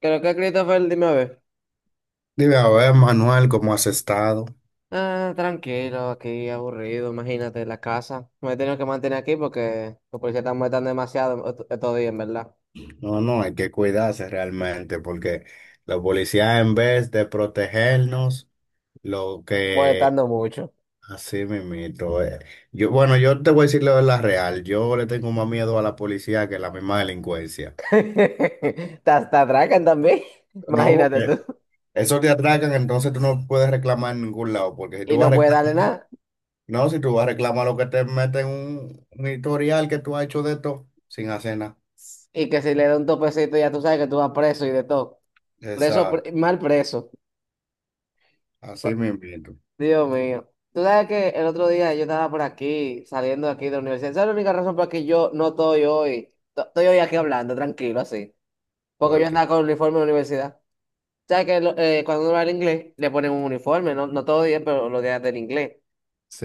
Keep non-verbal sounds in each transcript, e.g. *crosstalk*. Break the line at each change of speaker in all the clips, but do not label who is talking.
Creo que Christopher, dime a ver.
Dime, a ver, Manuel, ¿cómo has estado?
Ah, tranquilo, aquí aburrido, imagínate, la casa. Me he tenido que mantener aquí porque los policías están molestando demasiado estos días, en verdad.
No, no, hay que cuidarse realmente porque la policía en vez de protegernos, lo que
Molestando mucho.
así mismito es. Yo, bueno, yo te voy a decir la verdad real. Yo le tengo más miedo a la policía que a la misma delincuencia.
*laughs* Te atracan también, *laughs*
No,
imagínate
porque
tú.
esos te atracan, entonces tú no puedes reclamar en ningún lado, porque si tú
Y
vas a
no puedes
reclamar,
darle nada.
no, si tú vas a reclamar lo que te meten un historial que tú has hecho de esto sin hacer nada.
Y que si le da un topecito ya tú sabes que tú vas preso y de todo. Preso,
Exacto,
mal preso.
así mismito.
Dios mío. Tú sabes que el otro día yo estaba por aquí, saliendo de aquí de la universidad. Esa es la única razón por la que yo no estoy hoy. Estoy hoy aquí hablando, tranquilo, así. Porque yo
Porque
andaba con uniforme en la universidad. ¿Sabes que cuando uno va al inglés, le ponen un uniforme? No, no todos los días, pero los días del inglés.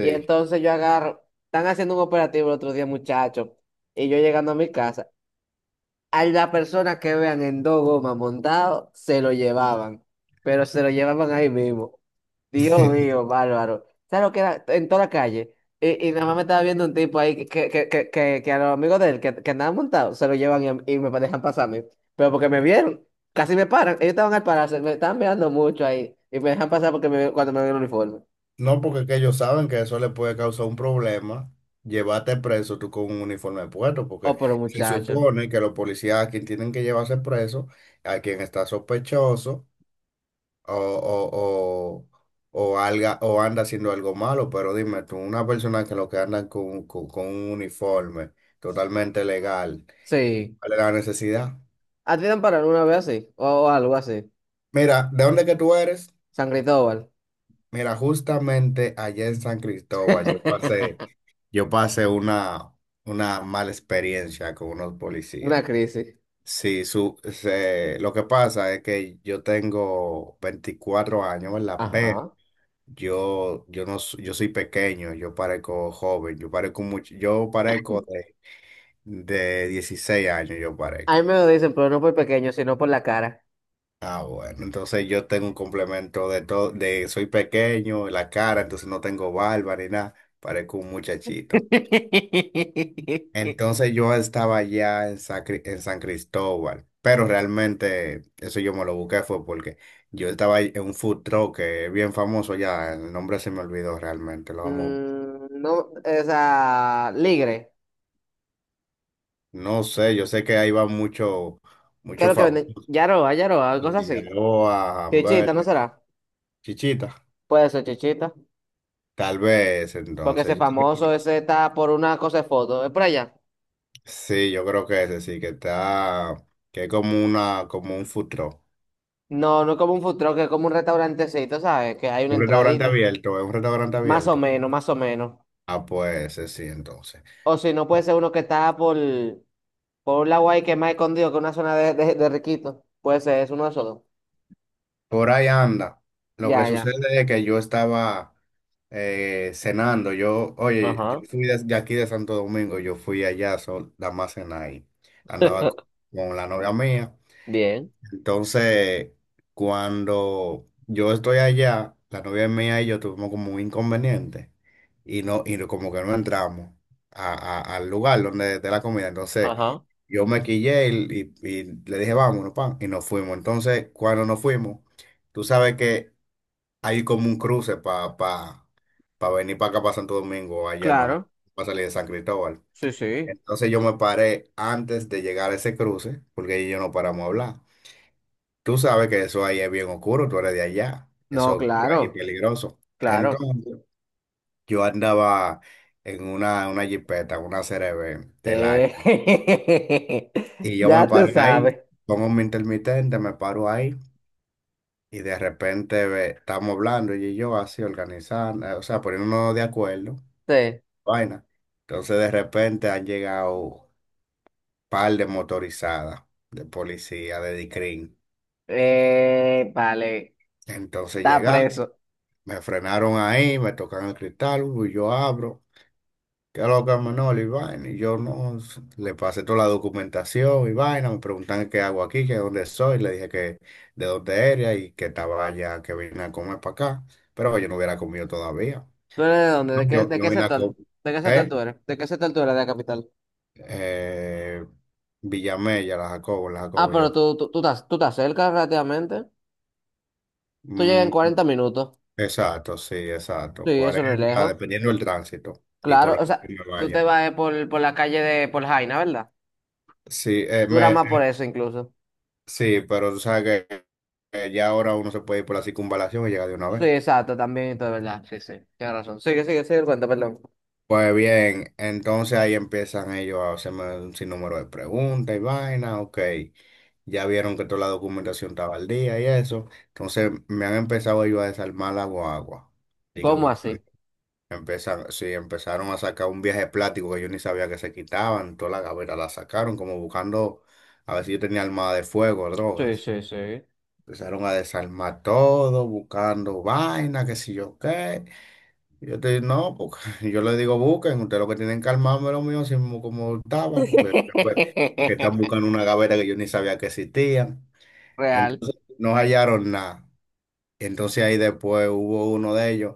Y entonces yo agarro, están haciendo un operativo el otro día, muchachos, y yo llegando a mi casa, a la persona que vean en dos gomas montado, se lo llevaban, pero se lo llevaban ahí mismo. Dios mío,
*laughs*
bárbaro. ¿Sabes lo que era? En toda la calle. Y nada más me estaba viendo un tipo ahí que a los amigos de él que andaban montados se lo llevan, y me dejan pasarme. Pero porque me vieron, casi me paran. Ellos estaban al pararse, me estaban mirando mucho ahí. Y me dejan pasar porque cuando me ven el uniforme.
No, porque es que ellos saben que eso le puede causar un problema, llevarte preso tú con un uniforme puesto,
Oh,
porque
pero
se
muchacho.
supone que los policías a quien tienen que llevarse preso, a quien está sospechoso o, o, o, o anda haciendo algo malo, pero dime tú, una persona que lo que anda con, con un uniforme totalmente legal,
Sí.
¿cuál es la necesidad?
¿A ti te han parado una vez así? O algo así.
Mira, ¿de dónde que tú eres?
San Cristóbal.
Mira, justamente allá en San Cristóbal, yo
*laughs*
pasé. Yo pasé una mala experiencia con unos
Una
policías.
crisis.
Sí, lo que pasa es que yo tengo 24 años, ¿verdad? Pero
Ajá.
yo no, s- yo soy pequeño, yo parezco joven, yo parezco mucho, yo parezco de 16 años, yo
A mí
parezco.
me lo dicen, pero no por pequeño, sino por la cara.
Ah, bueno, entonces yo tengo un complemento de todo, de soy pequeño, la cara, entonces no tengo barba ni nada, parezco un muchachito.
*laughs*
Entonces yo estaba allá en San Cristóbal, pero realmente eso yo me lo busqué fue porque yo estaba ahí en un food truck que es bien famoso allá, el nombre se me olvidó realmente, lo vamos,
Mm, no, o sea, ligre.
no sé, yo sé que ahí va mucho,
¿Qué es
mucho
lo que venden?
famoso,
Yaroa, Yaroa, cosas así.
Figueroa,
Chichita, ¿no
Hamburger,
será?
Chichita,
Puede ser chichita.
tal vez,
Porque ese
entonces,
famoso, ese está por una cosa de foto. Es por allá.
sí, yo creo que ese sí, que está, que es como una, como un food truck,
No, no es como un food truck, es como un restaurantecito, ¿sabes? Que hay una
un restaurante
entradita.
abierto, es un restaurante
Más o
abierto,
menos, más o menos.
ah, pues ese sí, entonces.
O si no, puede ser uno que está por un lado ahí que es más escondido que una zona de riquito. Puede ser, es uno de esos dos.
Por ahí anda. Lo que
Ya,
sucede
ya.
es que yo estaba cenando. Yo, oye, yo
Ajá,
fui de aquí de Santo Domingo, yo fui allá nada más cenar ahí. Andaba con la novia mía.
bien,
Entonces, cuando yo estoy allá, la novia mía y yo tuvimos como un inconveniente como que no entramos al lugar donde de la comida. Entonces,
ajá.
yo me quillé y le dije, vámonos, pan, y nos fuimos. Entonces, cuando nos fuimos, tú sabes que hay como un cruce para pa, pa pa venir para acá, para Santo Domingo, allá, cuando
Claro,
para salir de San Cristóbal.
sí, sí.
Entonces, yo me paré antes de llegar a ese cruce, porque ahí yo no paramos a hablar. Tú sabes que eso ahí es bien oscuro, tú eres de allá, eso
No,
es oscuro ahí
claro,
peligroso.
claro.
Entonces, yo andaba en una jipeta, una CRV del año,
Eh,
y
*laughs*
yo me
ya tú
paré
sabes.
ahí, pongo mi intermitente, me paro ahí, y de repente ve, estamos hablando, ella y yo así organizando, o sea, poniéndonos de acuerdo,
Sí.
vaina. Entonces, de repente han llegado un par de motorizadas, de policía, de dicrim.
Vale,
Entonces
está
llegaron.
preso.
Me frenaron ahí, me tocan el cristal, y yo abro. ¿Qué es lo que es Manolo? Y vaina. Y yo no, s- le pasé toda la documentación y vaina. Me preguntan qué hago aquí, que dónde soy. Le dije que de dónde era y que estaba allá, que vine a comer para acá. Pero yo no hubiera comido todavía.
¿Tú eres de dónde? ¿De qué,
Yo,
de
yo
qué
vine a
sector?
comer.
¿De qué sector
¿Eh?
tú eres? ¿De qué sector tú eres de la capital?
Eh, Villamella, la
Ah,
Jacobo,
pero
yo.
tú estás cerca relativamente. Tú llegas en
Mm,
40 minutos.
exacto, sí,
Sí,
exacto.
eso no es
40
lejos.
dependiendo del tránsito y por
Claro,
lo
o
que
sea,
me
tú te
vaya.
vas por la calle de por Jaina, ¿verdad?
Sí,
Dura
me,
más por eso incluso.
sí, pero tú sabes que que ya ahora uno se puede ir por la circunvalación y llega de una
Sí,
vez.
exacto, también, y todo, es ¿verdad? Sí, sí, tienes razón. Sigue, sigue, sigue el cuento, perdón.
Pues bien, entonces ahí empiezan ellos a hacerme un sinnúmero de preguntas y vaina, ok. Ya vieron que toda la documentación estaba al día y eso. Entonces me han empezado ellos a desarmar la guagua. Y que
¿Cómo así?
buscan- Empiezan, sí, empezaron a sacar un viaje plástico que yo ni sabía que se quitaban. Toda la gaveta la sacaron como buscando a ver si yo tenía armada de fuego,
Sí,
drogas.
sí, sí.
Empezaron a desarmar todo, buscando vaina, qué sé yo qué. Y yo te digo no, porque *laughs* yo les digo, busquen, ustedes lo que tienen que armarme lo mío, así mismo como estaba, porque después que están
*laughs*
buscando una gaveta que yo ni sabía que existía.
real
Entonces no hallaron nada. Entonces ahí después hubo uno de ellos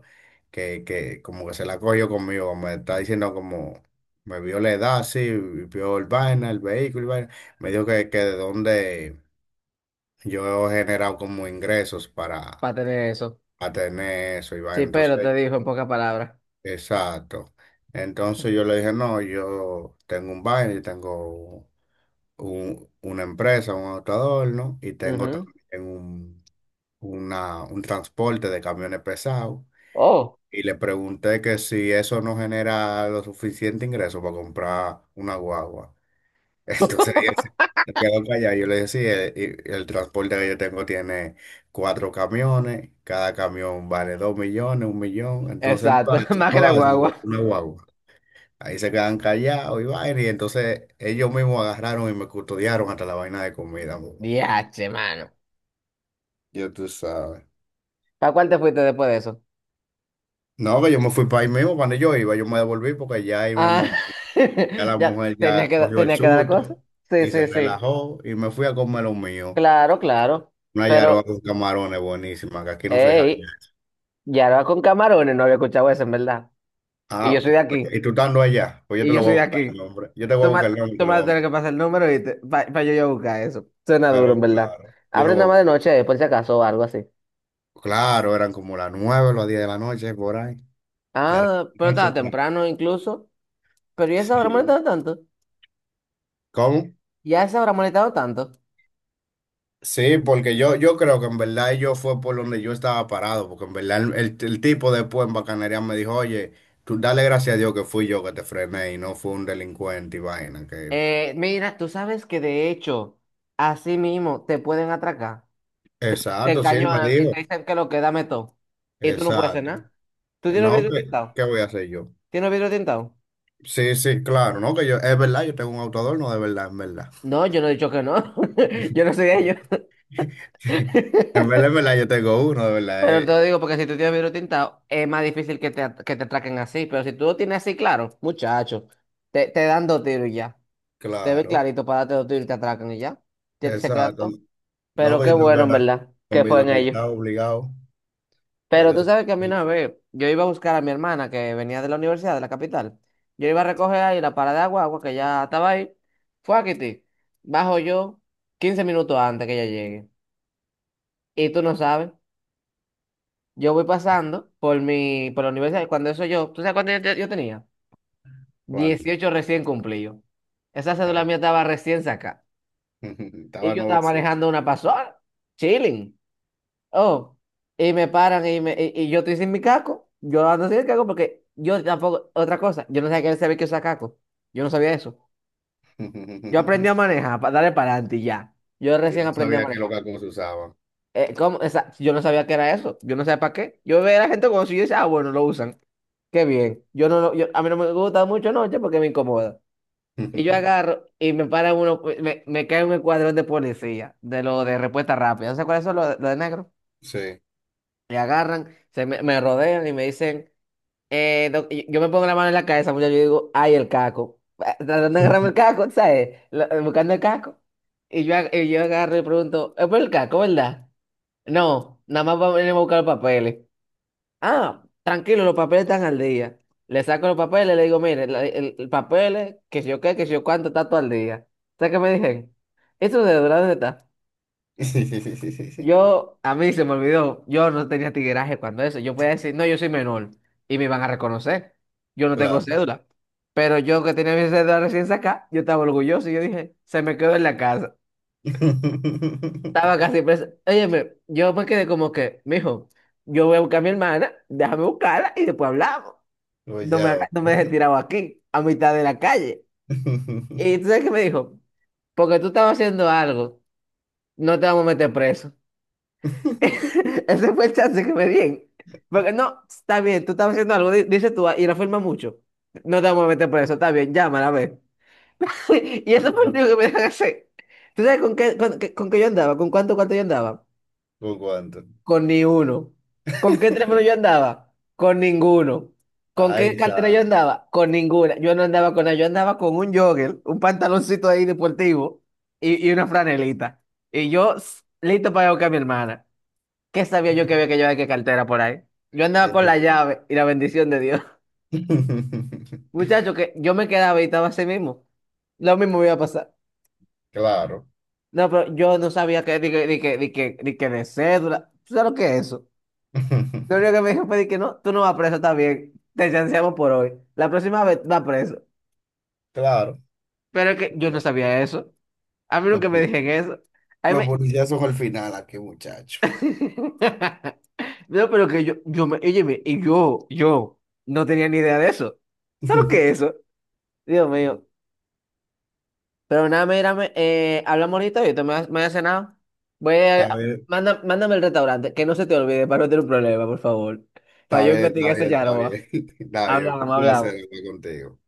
que como que se la cogió conmigo, me está diciendo como, me vio la edad, sí, y vio el vaina, el vehículo, y vaina. Me dijo que de dónde yo he generado como ingresos para
para tener eso.
a tener eso,
Sí,
Iván.
pero
Entonces,
te dijo en pocas palabras.
exacto. Entonces yo le dije, no, yo tengo un baile, tengo una empresa, un autoador, ¿no? Y tengo
Ujú.
también un transporte de camiones pesados.
Oh.
Y le pregunté que si eso no genera lo suficiente ingreso para comprar una guagua. Entonces *laughs* él
*laughs*
se quedó callado. Yo le dije, sí, el, el transporte que yo tengo tiene cuatro camiones, cada camión vale 2 millones, 1 millón, entonces no da,
Exacto, *laughs* más que
no
la
da, se lo botó
guagua.
una guagua. Ahí se quedan callados y vaina, y entonces ellos mismos agarraron y me custodiaron hasta la vaina de comida. Mano.
Diache, mano.
Ya tú sabes.
¿Para cuál te fuiste después de eso?
No, que yo me fui para ahí mismo, cuando yo iba, yo me devolví porque ya ahí
Ah,
mismo, ya
*laughs*
la
ya
mujer
tenía
ya
que,
cogió el
tenía que dar la
susto
cosa. Sí,
y se
sí, sí.
relajó y me fui a comer lo mío.
Claro, claro.
Una yaroa
Pero,
con camarones buenísima, que aquí no se jaña.
hey, ya era con camarones, no había escuchado eso, en verdad. Y yo
Ah,
soy de
pues, y
aquí.
tú estando allá, pues yo
Y
te
yo
lo
soy
voy a
de
buscar el
aquí.
nombre. Yo te voy a
Tú me, tú
buscar el nombre y
me
te lo
vas
voy
a
a
tener que
mandar.
pasar el número y para yo buscar eso. Suena duro,
Pero
en verdad.
claro, yo lo
Abre
voy
nada
a
más de
buscar.
noche, por si acaso, o algo así.
Claro, eran como las 9, las 10 de la noche, por ahí. Era
Ah, pero estaba
noche, claro.
temprano incluso. Pero ya se habrá
Sí.
molestado tanto.
¿Cómo?
Ya se habrá molestado tanto.
Sí, porque yo creo que en verdad yo fue por donde yo estaba parado, porque en verdad el tipo después en Bacanería me dijo, oye, tú dale gracias a Dios que fui yo que te frené y no fue un delincuente y vaina. Que...
Mira, tú sabes que de hecho, así mismo te pueden atracar. Te
Exacto, sí, él me
encañonan y
dijo.
te dicen que lo que dame todo. Y tú no puedes hacer
Exacto.
nada. ¿Tú tienes
No,
vidrio
¿qué,
tintado?
qué voy a hacer yo?
¿Tienes vidrio tintado?
Sí, sí, claro, no, que yo, es verdad, yo tengo un autoador, no, de verdad, en verdad.
No, yo no he dicho que no. *laughs* Yo no
*laughs*
soy ellos. *laughs*
En verdad, yo tengo uno, de verdad,
Pero te lo digo porque si tú tienes vidrio tintado, es más difícil que que te atraquen así. Pero si tú lo tienes así, claro, muchacho, te dan dos tiros y ya. Te ve
claro,
clarito para darte los tiros y te atracan y ya. Se quedan
exacto.
todo.
No,
Pero
que
qué
yo tengo que
bueno, en
andar
verdad,
con
que
mi
fue en ellos.
doctorado obligado, pues
Pero
yo
tú
soy
sabes que a mí una
chiquito.
vez, yo iba a buscar a mi hermana que venía de la universidad, de la capital. Yo iba a recoger ahí la parada de agua que ya estaba ahí. Fue a Kitty. Bajo yo 15 minutos antes que ella llegue. Y tú no sabes, yo voy pasando por la universidad. Y cuando eso yo, ¿tú sabes cuánto yo tenía
Cuando,
18 recién cumplidos. Esa cédula
ay,
mía estaba recién sacada.
*laughs*
Y
estaba
yo estaba
nuevecito.
manejando una pasola, chilling. Oh, y me paran y yo estoy sin mi caco. Yo ando sin el caco porque yo tampoco, otra cosa, yo no sabía que él sabía que usaba caco. Yo no sabía eso. Yo aprendí a
*laughs*
manejar, para darle para adelante y ya. Yo
Y
recién
no
aprendí a
sabía qué
manejar.
loca se usaban.
¿Cómo? Yo no sabía que era eso. Yo no sabía para qué. Yo veía a la gente con eso y yo decía, ah, bueno, lo usan. Qué bien. Yo no, lo- yo, A mí no me gusta mucho noche porque me incomoda. Y yo
*laughs*
agarro y me para uno, me cae un escuadrón de policía, de lo de respuesta rápida. ¿No sé cuáles son lo de negro?
Sí.
Me agarran, me rodean y me dicen. No, yo me pongo la mano en la cabeza, muchacho, yo digo, ay, el caco. Ah, tratando de agarrarme el caco, ¿sabes? Buscando el caco. Y yo agarro y pregunto, ¿es por el caco, verdad? No, nada más vamos a venir a buscar los papeles. Ah, tranquilo, los papeles están al día. Le saco los papeles, le digo, mire, el papel, es que si yo qué, que si yo cuánto, está todo al día. ¿Sabes qué me dicen? ¿Eso de dónde está?
*laughs*
A mí se me olvidó, yo no tenía tigueraje cuando eso. Yo podía decir, no, yo soy menor y me van a reconocer. Yo no tengo
Claro.
cédula. Pero yo que tenía mi cédula recién sacada, yo estaba orgulloso y yo dije, se me quedó en la casa. Estaba
*laughs*
casi presa. Óyeme, yo me quedé como que, mijo, yo voy a buscar a mi hermana, déjame buscarla y después hablamos.
Pues ya.
No me dejes tirado aquí, a mitad de la calle.
*laughs*
Y
va.
tú sabes qué me dijo, porque tú estabas haciendo algo, no te vamos a meter preso.
*laughs*
*laughs* Ese fue el chance que me di. Porque no, está bien, tú estás haciendo algo, dice tú, ah, y la firma mucho. No te vamos a meter por eso, está bien, llámala a ver. *laughs* Y eso fue lo único que me dejan hacer. ¿Tú sabes con qué yo andaba? ¿Con cuánto yo andaba?
Poco antes.
Con ni uno. ¿Con qué teléfono yo
*laughs*
andaba? Con ninguno. ¿Con qué
Ay,
cartera yo
San,
andaba? Con ninguna. Yo no andaba con nada, yo andaba con un jogger, un pantaloncito ahí deportivo y una franelita. Listo para ir a buscar a mi hermana. ¿Qué sabía yo que había que llevar qué cartera por ahí? Yo
qué
andaba con la
rico.
llave y la bendición de Dios. *laughs*
*laughs*
Muchacho, que yo me quedaba y estaba así mismo. Lo mismo me iba a pasar.
Claro.
No, pero yo no sabía que, ni que de cédula. ¿Tú sabes lo que es eso? Lo
*laughs*
único que me dijo fue de que no, tú no vas preso, está bien. Te chanceamos por hoy. La próxima vez vas preso.
Claro.
Pero es que yo no
Lo-
sabía eso. A mí nunca me
lo-
dijeron eso. A mí
Los
me...
policías son al final, ¿a qué muchacho?
*laughs* No, pero que óyeme, y yo no tenía ni idea de eso. ¿Sabes lo que es
*laughs*
eso? Dios mío. Pero nada, mírame, hablamos ahorita, voy a cenar. Voy
Está
a,
bien,
Mándame el restaurante, que no se te olvide para no tener un problema, por favor. Para
está
yo
bien, está
investigar esa
bien, está
yaroba.
bien. *laughs* Está bien, fue
Hablamos,
un placer
hablamos.
hablar contigo.